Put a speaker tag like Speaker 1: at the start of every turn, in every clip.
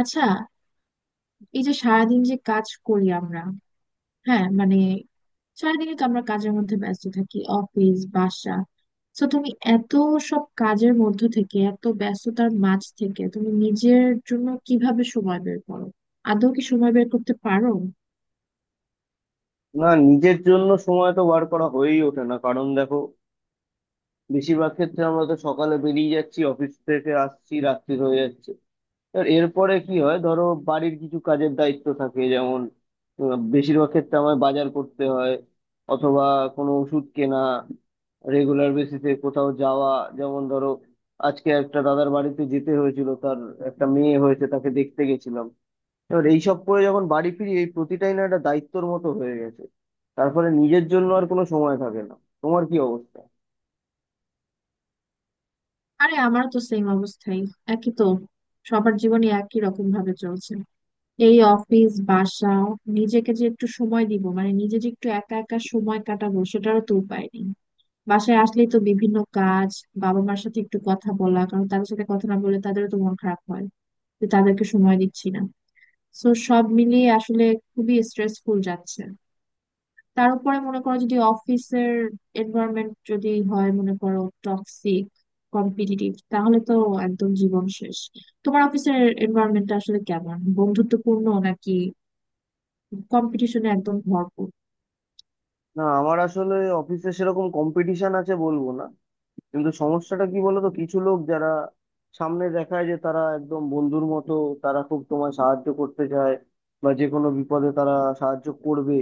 Speaker 1: আচ্ছা। এই যে সারাদিন যে কাজ করি আমরা, হ্যাঁ মানে সারাদিনই তো আমরা কাজের মধ্যে ব্যস্ত থাকি, অফিস বাসা। তো তুমি এত সব কাজের মধ্য থেকে, এত ব্যস্ততার মাঝ থেকে তুমি নিজের জন্য কিভাবে সময় বের করো? আদৌ কি সময় বের করতে পারো?
Speaker 2: না, নিজের জন্য সময় তো বার করা হয়েই ওঠে না। কারণ দেখো, বেশিরভাগ ক্ষেত্রে আমরা তো সকালে বেরিয়ে যাচ্ছি, অফিস থেকে আসছি রাত্রি হয়ে যাচ্ছে। আর এরপরে কি হয় ধরো, বাড়ির কিছু কাজের দায়িত্ব থাকে। যেমন বেশিরভাগ ক্ষেত্রে আমায় বাজার করতে হয়, অথবা কোনো ওষুধ কেনা, রেগুলার বেসিসে কোথাও যাওয়া। যেমন ধরো, আজকে একটা দাদার বাড়িতে যেতে হয়েছিল, তার একটা মেয়ে হয়েছে, তাকে দেখতে গেছিলাম। এবার এইসব করে যখন বাড়ি ফিরি, এই প্রতিটাই না একটা দায়িত্বর মতো হয়ে গেছে। তারপরে নিজের জন্য আর কোনো সময় থাকে না। তোমার কি অবস্থা?
Speaker 1: আরে আমারও তো সেম অবস্থাই, একই তো, সবার জীবনে একই রকম ভাবে চলছে, এই অফিস বাসা। নিজেকে যে একটু সময় দিব, মানে নিজে যে একটু একা একা সময় কাটাবো সেটারও তো উপায় নেই। বাসায় আসলেই তো বিভিন্ন কাজ, বাবা মার সাথে একটু কথা বলা, কারণ তাদের সাথে কথা না বললে তাদেরও তো মন খারাপ হয় যে তাদেরকে সময় দিচ্ছি না। তো সব মিলিয়ে আসলে খুবই স্ট্রেসফুল যাচ্ছে। তার উপরে মনে করো যদি অফিসের এনভায়রনমেন্ট যদি হয় মনে করো টক্সিক, কম্পিটিটিভ, তাহলে তো একদম জীবন শেষ। তোমার অফিসের এনভায়রনমেন্টটা আসলে কেমন, বন্ধুত্বপূর্ণ নাকি কম্পিটিশনে একদম ভরপুর?
Speaker 2: না, আমার আসলে অফিসে সেরকম কম্পিটিশন আছে বলবো না, কিন্তু সমস্যাটা কি বলতো, কিছু লোক যারা সামনে দেখায় যে তারা একদম বন্ধুর মতো, তারা খুব তোমায় সাহায্য করতে চায় বা যে কোনো বিপদে তারা সাহায্য করবে,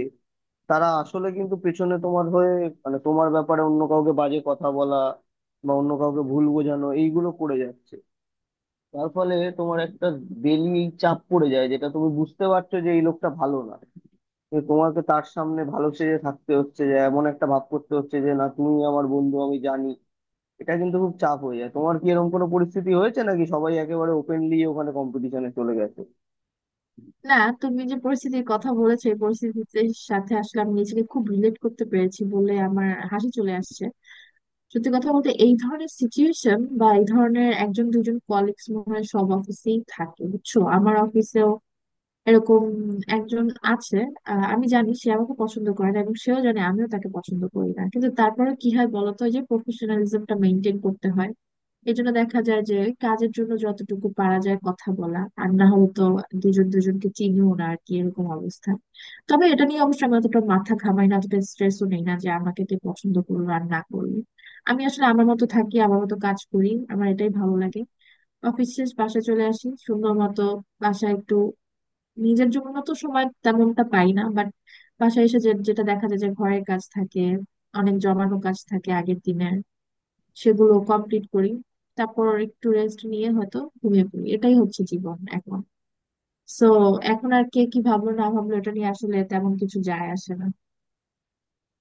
Speaker 2: তারা আসলে কিন্তু পেছনে তোমার হয়ে, মানে তোমার ব্যাপারে অন্য কাউকে বাজে কথা বলা বা অন্য কাউকে ভুল বোঝানো এইগুলো করে যাচ্ছে। তার ফলে তোমার একটা বেলি চাপ পড়ে যায়, যেটা তুমি বুঝতে পারছো যে এই লোকটা ভালো না, যে তোমাকে তার সামনে ভালো সেজে থাকতে হচ্ছে, যে এমন একটা ভাব করতে হচ্ছে যে না তুমি আমার বন্ধু আমি জানি। এটা কিন্তু খুব চাপ হয়ে যায়। তোমার কি এরকম কোনো পরিস্থিতি হয়েছে নাকি সবাই একেবারে ওপেনলি ওখানে কম্পিটিশনে চলে গেছে?
Speaker 1: না, তুমি যে পরিস্থিতির কথা বলেছো এই পরিস্থিতির সাথে আসলে আমি নিজেকে খুব রিলেট করতে পেরেছি বলে আমার হাসি চলে আসছে। সত্যি কথা বলতে এই ধরনের সিচুয়েশন বা এই ধরনের একজন দুজন কলিগস মনে হয় সব অফিসেই থাকে, বুঝছো, আমার অফিসেও এরকম একজন আছে। আমি জানি সে আমাকে পছন্দ করে না এবং সেও জানে আমিও তাকে পছন্দ করি না, কিন্তু তারপরে কি হয় বলতো, ওই যে প্রফেশনালিজমটা মেনটেন করতে হয়। এই জন্য দেখা যায় যে কাজের জন্য যতটুকু পারা যায় কথা বলা, আর না হলে তো দুজন দুজনকে চিনিও না আর কি, এরকম অবস্থা। তবে এটা নিয়ে অবশ্য আমি অতটা মাথা ঘামাই না, অতটা স্ট্রেসও নেই না যে আমাকে কে পছন্দ করলো আর না করলো। আমি আসলে আমার মতো থাকি, আমার মতো কাজ করি, আমার এটাই ভালো লাগে। অফিস শেষ বাসায় চলে আসি সুন্দর মতো। বাসায় একটু নিজের জন্য তো সময় তেমনটা পাই না, বাট বাসায় এসে যে যেটা দেখা যায় যে ঘরের কাজ থাকে, অনেক জমানো কাজ থাকে আগের দিনের, সেগুলো কমপ্লিট করি। তারপর একটু রেস্ট নিয়ে হয়তো ঘুমিয়ে পড়ি, এটাই হচ্ছে জীবন এখন। সো এখন আর কে কি ভাবলো না ভাবলো এটা নিয়ে আসলে তেমন কিছু যায় আসে না।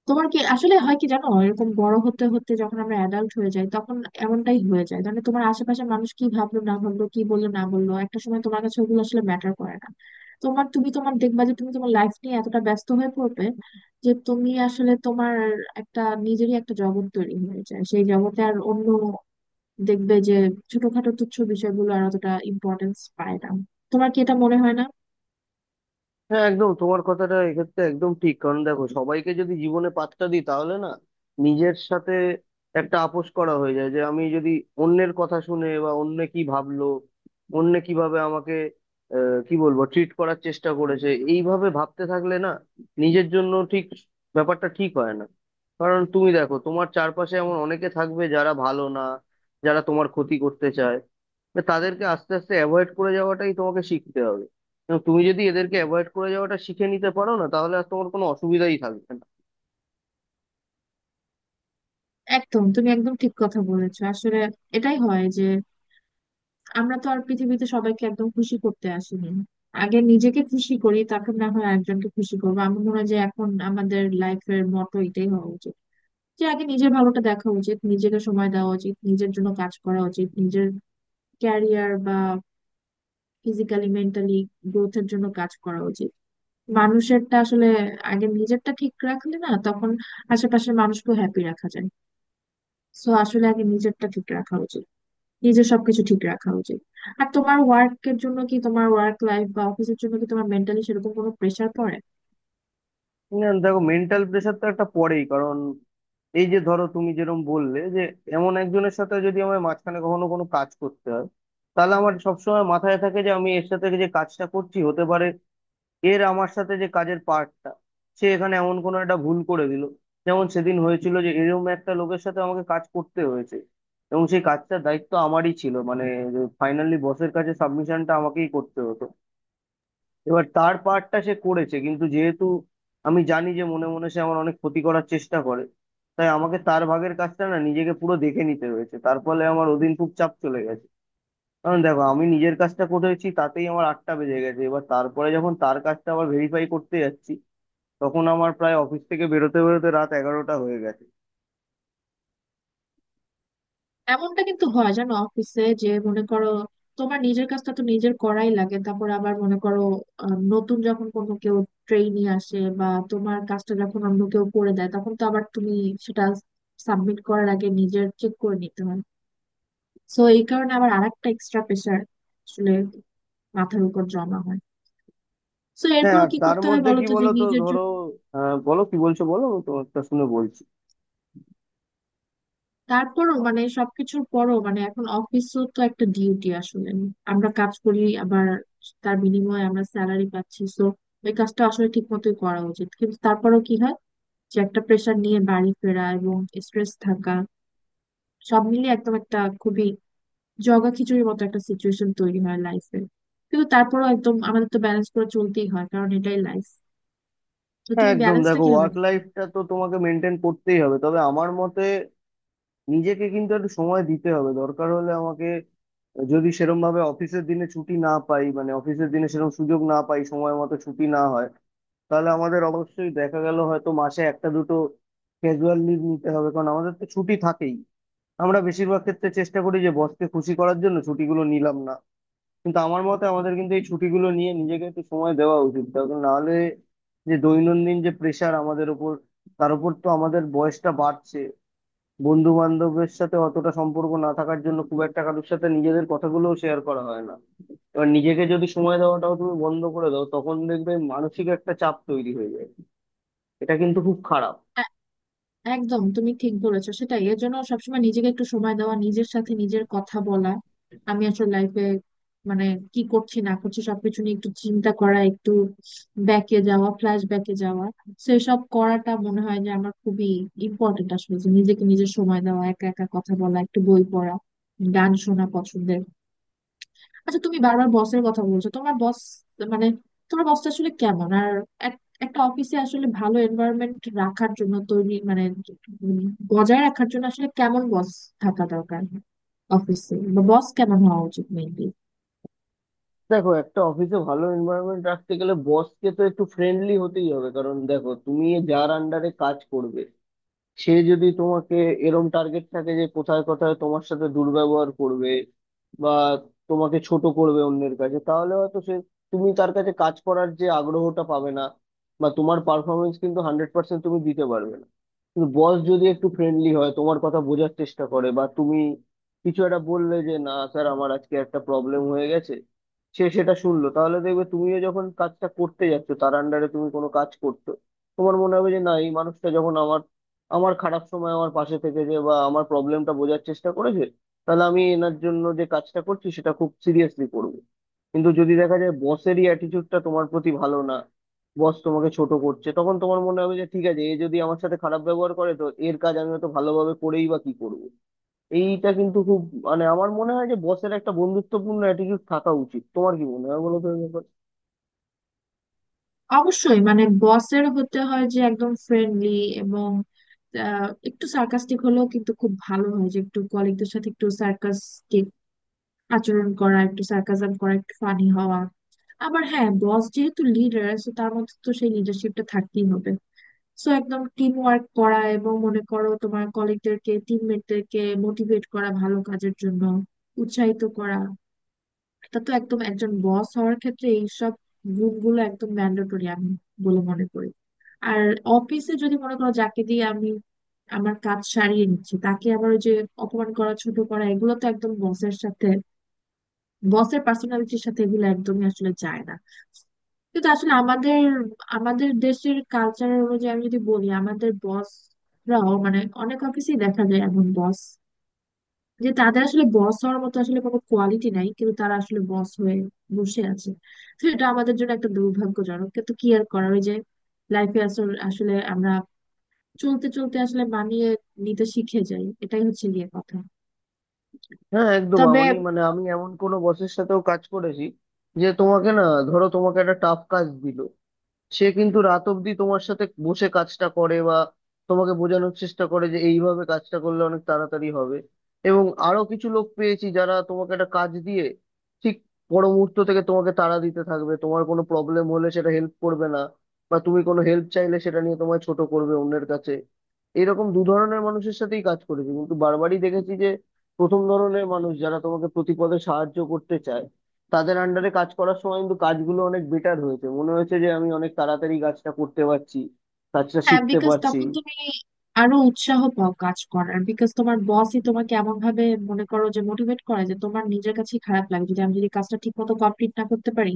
Speaker 1: তোমার কি আসলে হয় কি জানো, এরকম বড় হতে হতে যখন আমরা অ্যাডাল্ট হয়ে যাই তখন এমনটাই হয়ে যায়, মানে তোমার আশেপাশে মানুষ কি ভাবলো না ভাবলো, কি বললো না বললো, একটা সময় তোমার কাছে ওগুলো আসলে ম্যাটার করে না। তোমার তুমি তোমার দেখবা যে তুমি তোমার লাইফ নিয়ে এতটা ব্যস্ত হয়ে পড়বে যে তুমি আসলে তোমার একটা নিজেরই একটা জগৎ তৈরি হয়ে যায়, সেই জগতে আর অন্য দেখবে যে ছোটখাটো তুচ্ছ বিষয়গুলো আর অতটা ইম্পর্টেন্স পায় না। তোমার কি এটা মনে হয় না?
Speaker 2: হ্যাঁ একদম, তোমার কথাটা এক্ষেত্রে একদম ঠিক। কারণ দেখো, সবাইকে যদি জীবনে পাত্তা দিই তাহলে না নিজের সাথে একটা আপোষ করা হয়ে যায়। যে আমি যদি অন্যের কথা শুনে বা অন্য কি ভাবলো, অন্য কিভাবে আমাকে আহ, কি বলবো ট্রিট করার চেষ্টা করেছে, এইভাবে ভাবতে থাকলে না নিজের জন্য ঠিক ব্যাপারটা ঠিক হয় না। কারণ তুমি দেখো, তোমার চারপাশে এমন অনেকে থাকবে যারা ভালো না, যারা তোমার ক্ষতি করতে চায়। না, তাদেরকে আস্তে আস্তে অ্যাভয়েড করে যাওয়াটাই তোমাকে শিখতে হবে। এবং তুমি যদি এদেরকে অ্যাভয়েড করে যাওয়াটা শিখে নিতে পারো, না তাহলে আর তোমার কোনো অসুবিধাই থাকবে না।
Speaker 1: একদম, তুমি একদম ঠিক কথা বলেছো আসলে, এটাই হয় যে আমরা তো আর পৃথিবীতে সবাইকে একদম খুশি করতে আসিনি। আগে নিজেকে খুশি করি, তারপর না হয় একজনকে খুশি করবো। আমার মনে হয় যে এখন আমাদের লাইফের মটো এটাই হওয়া উচিত, যে আগে নিজের ভালোটা দেখা উচিত, নিজেকে সময় দেওয়া উচিত, নিজের জন্য কাজ করা উচিত, নিজের ক্যারিয়ার বা ফিজিক্যালি মেন্টালি গ্রোথের জন্য কাজ করা উচিত। মানুষেরটা আসলে আগে নিজেরটা ঠিক রাখলে না তখন আশেপাশের মানুষকেও হ্যাপি রাখা যায়। সো আসলে আগে নিজেরটা ঠিক রাখা উচিত, নিজের সবকিছু ঠিক রাখা উচিত। আর তোমার ওয়ার্কের জন্য কি, তোমার ওয়ার্ক লাইফ বা অফিসের জন্য কি তোমার মেন্টালি সেরকম কোনো প্রেসার পড়ে?
Speaker 2: না, দেখো, মেন্টাল প্রেশার তো একটা পড়েই। কারণ এই যে ধরো তুমি যেরকম বললে, যে এমন একজনের সাথে যদি আমার মাঝখানে কখনো কোনো কাজ করতে হয়, তাহলে আমার সবসময় মাথায় থাকে যে আমি এর সাথে যে কাজটা করছি, হতে পারে এর আমার সাথে যে কাজের পার্টটা সে এখানে এমন কোনো একটা ভুল করে দিল। যেমন সেদিন হয়েছিল, যে এরকম একটা লোকের সাথে আমাকে কাজ করতে হয়েছে এবং সেই কাজটার দায়িত্ব আমারই ছিল, মানে ফাইনালি বসের কাছে সাবমিশনটা আমাকেই করতে হতো। এবার তার পার্টটা সে করেছে, কিন্তু যেহেতু আমি জানি যে মনে মনে সে আমার অনেক ক্ষতি করার চেষ্টা করে, তাই আমাকে তার ভাগের কাজটা না নিজেকে পুরো দেখে নিতে হয়েছে। তার ফলে আমার ওদিন খুব চাপ চলে গেছে। কারণ দেখো, আমি নিজের কাজটা করেছি, তাতেই আমার আটটা বেজে গেছে। এবার তারপরে যখন তার কাজটা আবার ভেরিফাই করতে যাচ্ছি, তখন আমার প্রায় অফিস থেকে বেরোতে বেরোতে রাত এগারোটা হয়ে গেছে।
Speaker 1: এমনটা কিন্তু হয় জানো অফিসে, যে মনে করো তোমার নিজের কাজটা তো নিজের করাই লাগে, তারপর আবার মনে করো নতুন যখন কোনো কেউ ট্রেইনি আসে বা তোমার কাজটা যখন অন্য কেউ করে দেয়, তখন তো আবার তুমি সেটা সাবমিট করার আগে নিজের চেক করে নিতে হয়। সো এই কারণে আবার আরেকটা এক্সট্রা প্রেসার আসলে মাথার উপর জমা হয়। সো
Speaker 2: হ্যাঁ,
Speaker 1: এরপরও
Speaker 2: আর
Speaker 1: কি
Speaker 2: তার
Speaker 1: করতে হয়
Speaker 2: মধ্যে
Speaker 1: বলো
Speaker 2: কি
Speaker 1: তো যে
Speaker 2: বলো তো
Speaker 1: নিজের
Speaker 2: ধরো,
Speaker 1: জন্য।
Speaker 2: বলো, কি বলছো বলো তো, একটা শুনে বলছি।
Speaker 1: তারপরও মানে সবকিছুর পরও মানে এখন অফিসও তো একটা ডিউটি আসলে, আমরা কাজ করি আবার তার বিনিময়ে আমরা স্যালারি পাচ্ছি, তো ওই কাজটা আসলে ঠিক মতোই করা উচিত। কিন্তু তারপরেও কি হয়, যে একটা প্রেশার নিয়ে বাড়ি ফেরা এবং স্ট্রেস থাকা, সব মিলিয়ে একদম একটা খুবই জগা খিচুড়ির মতো একটা সিচুয়েশন তৈরি হয় লাইফে। কিন্তু তারপরেও একদম আমাদের তো ব্যালেন্স করে চলতেই হয়, কারণ এটাই লাইফ। তো
Speaker 2: হ্যাঁ
Speaker 1: তুমি
Speaker 2: একদম,
Speaker 1: ব্যালেন্সটা
Speaker 2: দেখো
Speaker 1: কিভাবে?
Speaker 2: ওয়ার্ক লাইফটা তো তোমাকে মেনটেন করতেই হবে, তবে আমার মতে নিজেকে কিন্তু একটু সময় দিতে হবে। দরকার হলে আমাকে, যদি সেরম ভাবে অফিসের দিনে ছুটি না পাই, মানে অফিসের দিনে সেরকম সুযোগ না পাই, সময় মতো ছুটি না হয়, তাহলে আমাদের অবশ্যই দেখা গেল হয়তো মাসে একটা দুটো ক্যাজুয়াল লিভ নিতে হবে। কারণ আমাদের তো ছুটি থাকেই। আমরা বেশিরভাগ ক্ষেত্রে চেষ্টা করি যে বসকে খুশি করার জন্য ছুটিগুলো নিলাম না, কিন্তু আমার মতে আমাদের কিন্তু এই ছুটিগুলো নিয়ে নিজেকে একটু সময় দেওয়া উচিত। তার কারণ, নাহলে যে দৈনন্দিন যে প্রেশার আমাদের উপর, তার উপর তো আমাদের বয়সটা বাড়ছে। বন্ধু বান্ধবের সাথে অতটা সম্পর্ক না থাকার জন্য খুব একটা কারোর সাথে নিজেদের কথাগুলোও শেয়ার করা হয় না। এবার নিজেকে যদি সময় দেওয়াটাও তুমি বন্ধ করে দাও, তখন দেখবে মানসিক একটা চাপ তৈরি হয়ে যায়। এটা কিন্তু খুব খারাপ।
Speaker 1: একদম, তুমি ঠিক বলেছো, সেটাই, এর জন্য সবসময় নিজেকে একটু সময় দেওয়া, নিজের সাথে নিজের কথা বলা। আমি আসলে লাইফে, মানে কি করছি না করছি সবকিছু নিয়ে একটু চিন্তা করা, একটু ব্যাকে যাওয়া, ফ্ল্যাশ ব্যাকে যাওয়া, সেসব করাটা মনে হয় যে আমার খুবই ইম্পর্টেন্ট আসলে, যে নিজেকে নিজের সময় দেওয়া, একা একা কথা বলা, একটু বই পড়া, গান শোনা পছন্দের। আচ্ছা তুমি বারবার বসের কথা বলছো, তোমার বস মানে তোমার বসটা আসলে কেমন? আর একটা অফিসে আসলে ভালো এনভায়রনমেন্ট রাখার জন্য তৈরি মানে উম, বজায় রাখার জন্য আসলে কেমন বস থাকা দরকার, অফিসে বা বস কেমন হওয়া উচিত মেনলি?
Speaker 2: দেখো, একটা অফিসে ভালো এনভায়রনমেন্ট রাখতে গেলে বসকে তো একটু ফ্রেন্ডলি হতেই হবে। কারণ দেখো, তুমি যার আন্ডারে কাজ করবে, সে যদি তোমাকে, এরম টার্গেট থাকে যে কোথায় কোথায় তোমার সাথে দুর্ব্যবহার করবে বা তোমাকে ছোট করবে অন্যের কাছে, তাহলে হয়তো সে, তুমি তার কাছে কাজ করার যে আগ্রহটা পাবে না, বা তোমার পারফরমেন্স কিন্তু 100% তুমি দিতে পারবে না। কিন্তু বস যদি একটু ফ্রেন্ডলি হয়, তোমার কথা বোঝার চেষ্টা করে, বা তুমি কিছু একটা বললে যে না স্যার আমার আজকে একটা প্রবলেম হয়ে গেছে, সে সেটা শুনলো, তাহলে দেখবে তুমিও যখন কাজটা করতে যাচ্ছ, তার আন্ডারে তুমি কোনো কাজ করছো, তোমার মনে হবে যে না, এই মানুষটা যখন আমার আমার খারাপ সময় আমার পাশে থেকে, যে বা আমার প্রবলেমটা বোঝার চেষ্টা করেছে, তাহলে আমি এনার জন্য যে কাজটা করছি সেটা খুব সিরিয়াসলি করবো। কিন্তু যদি দেখা যায় বসেরই অ্যাটিটিউডটা তোমার প্রতি ভালো না, বস তোমাকে ছোট করছে, তখন তোমার মনে হবে যে ঠিক আছে, এ যদি আমার সাথে খারাপ ব্যবহার করে তো এর কাজ আমি হয়তো ভালোভাবে করেই বা কি করবো। এইটা কিন্তু খুব, মানে আমার মনে হয় যে বসের একটা বন্ধুত্বপূর্ণ অ্যাটিটিউড থাকা উচিত। তোমার কি মনে হয় বলো তো এই ব্যাপারে?
Speaker 1: অবশ্যই, মানে বসের হতে হয় যে একদম ফ্রেন্ডলি, এবং একটু সার্কাস্টিক হলেও কিন্তু খুব ভালো হয়, যে একটু কলিগদের সাথে একটু সার্কাস্টিক আচরণ করা, একটু সার্কাসাম করা, একটু ফানি হওয়া। আবার হ্যাঁ, বস যেহেতু লিডার সো তার মধ্যে তো সেই লিডারশিপটা থাকতেই হবে। সো একদম টিম ওয়ার্ক করা এবং মনে করো তোমার কলিগদেরকে, টিমমেটদেরকে মোটিভেট করা, ভালো কাজের জন্য উৎসাহিত করা, এটা তো একদম একজন বস হওয়ার ক্ষেত্রে এইসব গুণগুলো একদম ম্যান্ডেটরি আমি বলে মনে করি। আর অফিসে যদি মনে করো যাকে দিয়ে আমি আমার কাজ সারিয়ে নিচ্ছি তাকে আবার ওই যে অপমান করা, ছোট করা, এগুলো তো একদম বসের সাথে বসের পার্সোনালিটির সাথে এগুলো একদমই আসলে যায় না। কিন্তু আসলে আমাদের আমাদের দেশের কালচার অনুযায়ী আমি যদি বলি, আমাদের বসরাও মানে অনেক অফিসেই দেখা যায় এমন বস যে তাদের আসলে বস হওয়ার মতো আসলে কোনো কোয়ালিটি নাই, কিন্তু তারা আসলে বস হয়ে বসে আছে। তো এটা আমাদের জন্য একটা দুর্ভাগ্যজনক, কিন্তু কি আর করার, ওই যে লাইফে আসলে আসলে আমরা চলতে চলতে আসলে মানিয়ে নিতে শিখে যাই, এটাই হচ্ছে গিয়ে কথা।
Speaker 2: হ্যাঁ একদম,
Speaker 1: তবে
Speaker 2: আমি মানে আমি এমন কোনো বসের সাথেও কাজ করেছি যে তোমাকে না, ধরো তোমাকে একটা টাফ কাজ দিল, সে কিন্তু রাত অব্দি তোমার সাথে বসে কাজটা করে বা তোমাকে বোঝানোর চেষ্টা করে যে এইভাবে কাজটা করলে অনেক তাড়াতাড়ি হবে। এবং আরো কিছু লোক পেয়েছি যারা তোমাকে একটা কাজ দিয়ে ঠিক পর মুহূর্ত থেকে তোমাকে তাড়া দিতে থাকবে, তোমার কোনো প্রবলেম হলে সেটা হেল্প করবে না বা তুমি কোনো হেল্প চাইলে সেটা নিয়ে তোমায় ছোট করবে অন্যের কাছে। এরকম দু ধরনের মানুষের সাথেই কাজ করেছি, কিন্তু বারবারই দেখেছি যে প্রথম ধরনের মানুষ যারা তোমাকে প্রতিপদে সাহায্য করতে চায়, তাদের আন্ডারে কাজ করার সময় কিন্তু কাজগুলো অনেক বেটার হয়েছে, মনে হয়েছে যে আমি অনেক তাড়াতাড়ি কাজটা করতে পারছি, কাজটা
Speaker 1: হ্যাঁ,
Speaker 2: শিখতে
Speaker 1: বিকজ
Speaker 2: পারছি।
Speaker 1: তখন তুমি আরো উৎসাহ পাও কাজ করার, বিকজ তোমার বসই তোমাকে এমন ভাবে মনে করো যে মোটিভেট করে যে তোমার নিজের কাছেই খারাপ লাগে, যদি কাজটা ঠিক মতো কমপ্লিট না করতে পারি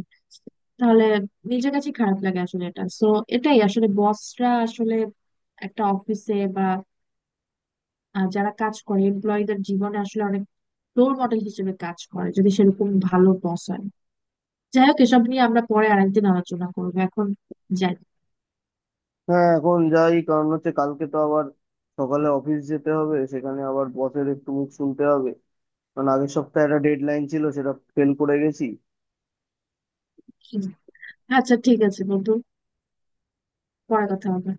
Speaker 1: তাহলে নিজের কাছেই খারাপ লাগে আসলে এটা। সো এটাই আসলে বসরা আসলে একটা অফিসে বা যারা কাজ করে এমপ্লয়ীদের জীবনে আসলে অনেক রোল মডেল হিসেবে কাজ করে, যদি সেরকম ভালো বস হয়। যাই হোক, এসব নিয়ে আমরা পরে আরেকদিন আলোচনা করবো, এখন যাই।
Speaker 2: হ্যাঁ, এখন যাই, কারণ হচ্ছে কালকে তো আবার সকালে অফিস যেতে হবে, সেখানে আবার বসের একটু মুখ শুনতে হবে কারণ আগের সপ্তাহে একটা ডেডলাইন ছিল সেটা ফেল করে গেছি।
Speaker 1: আচ্ছা ঠিক আছে বন্ধু, পরে কথা হবে।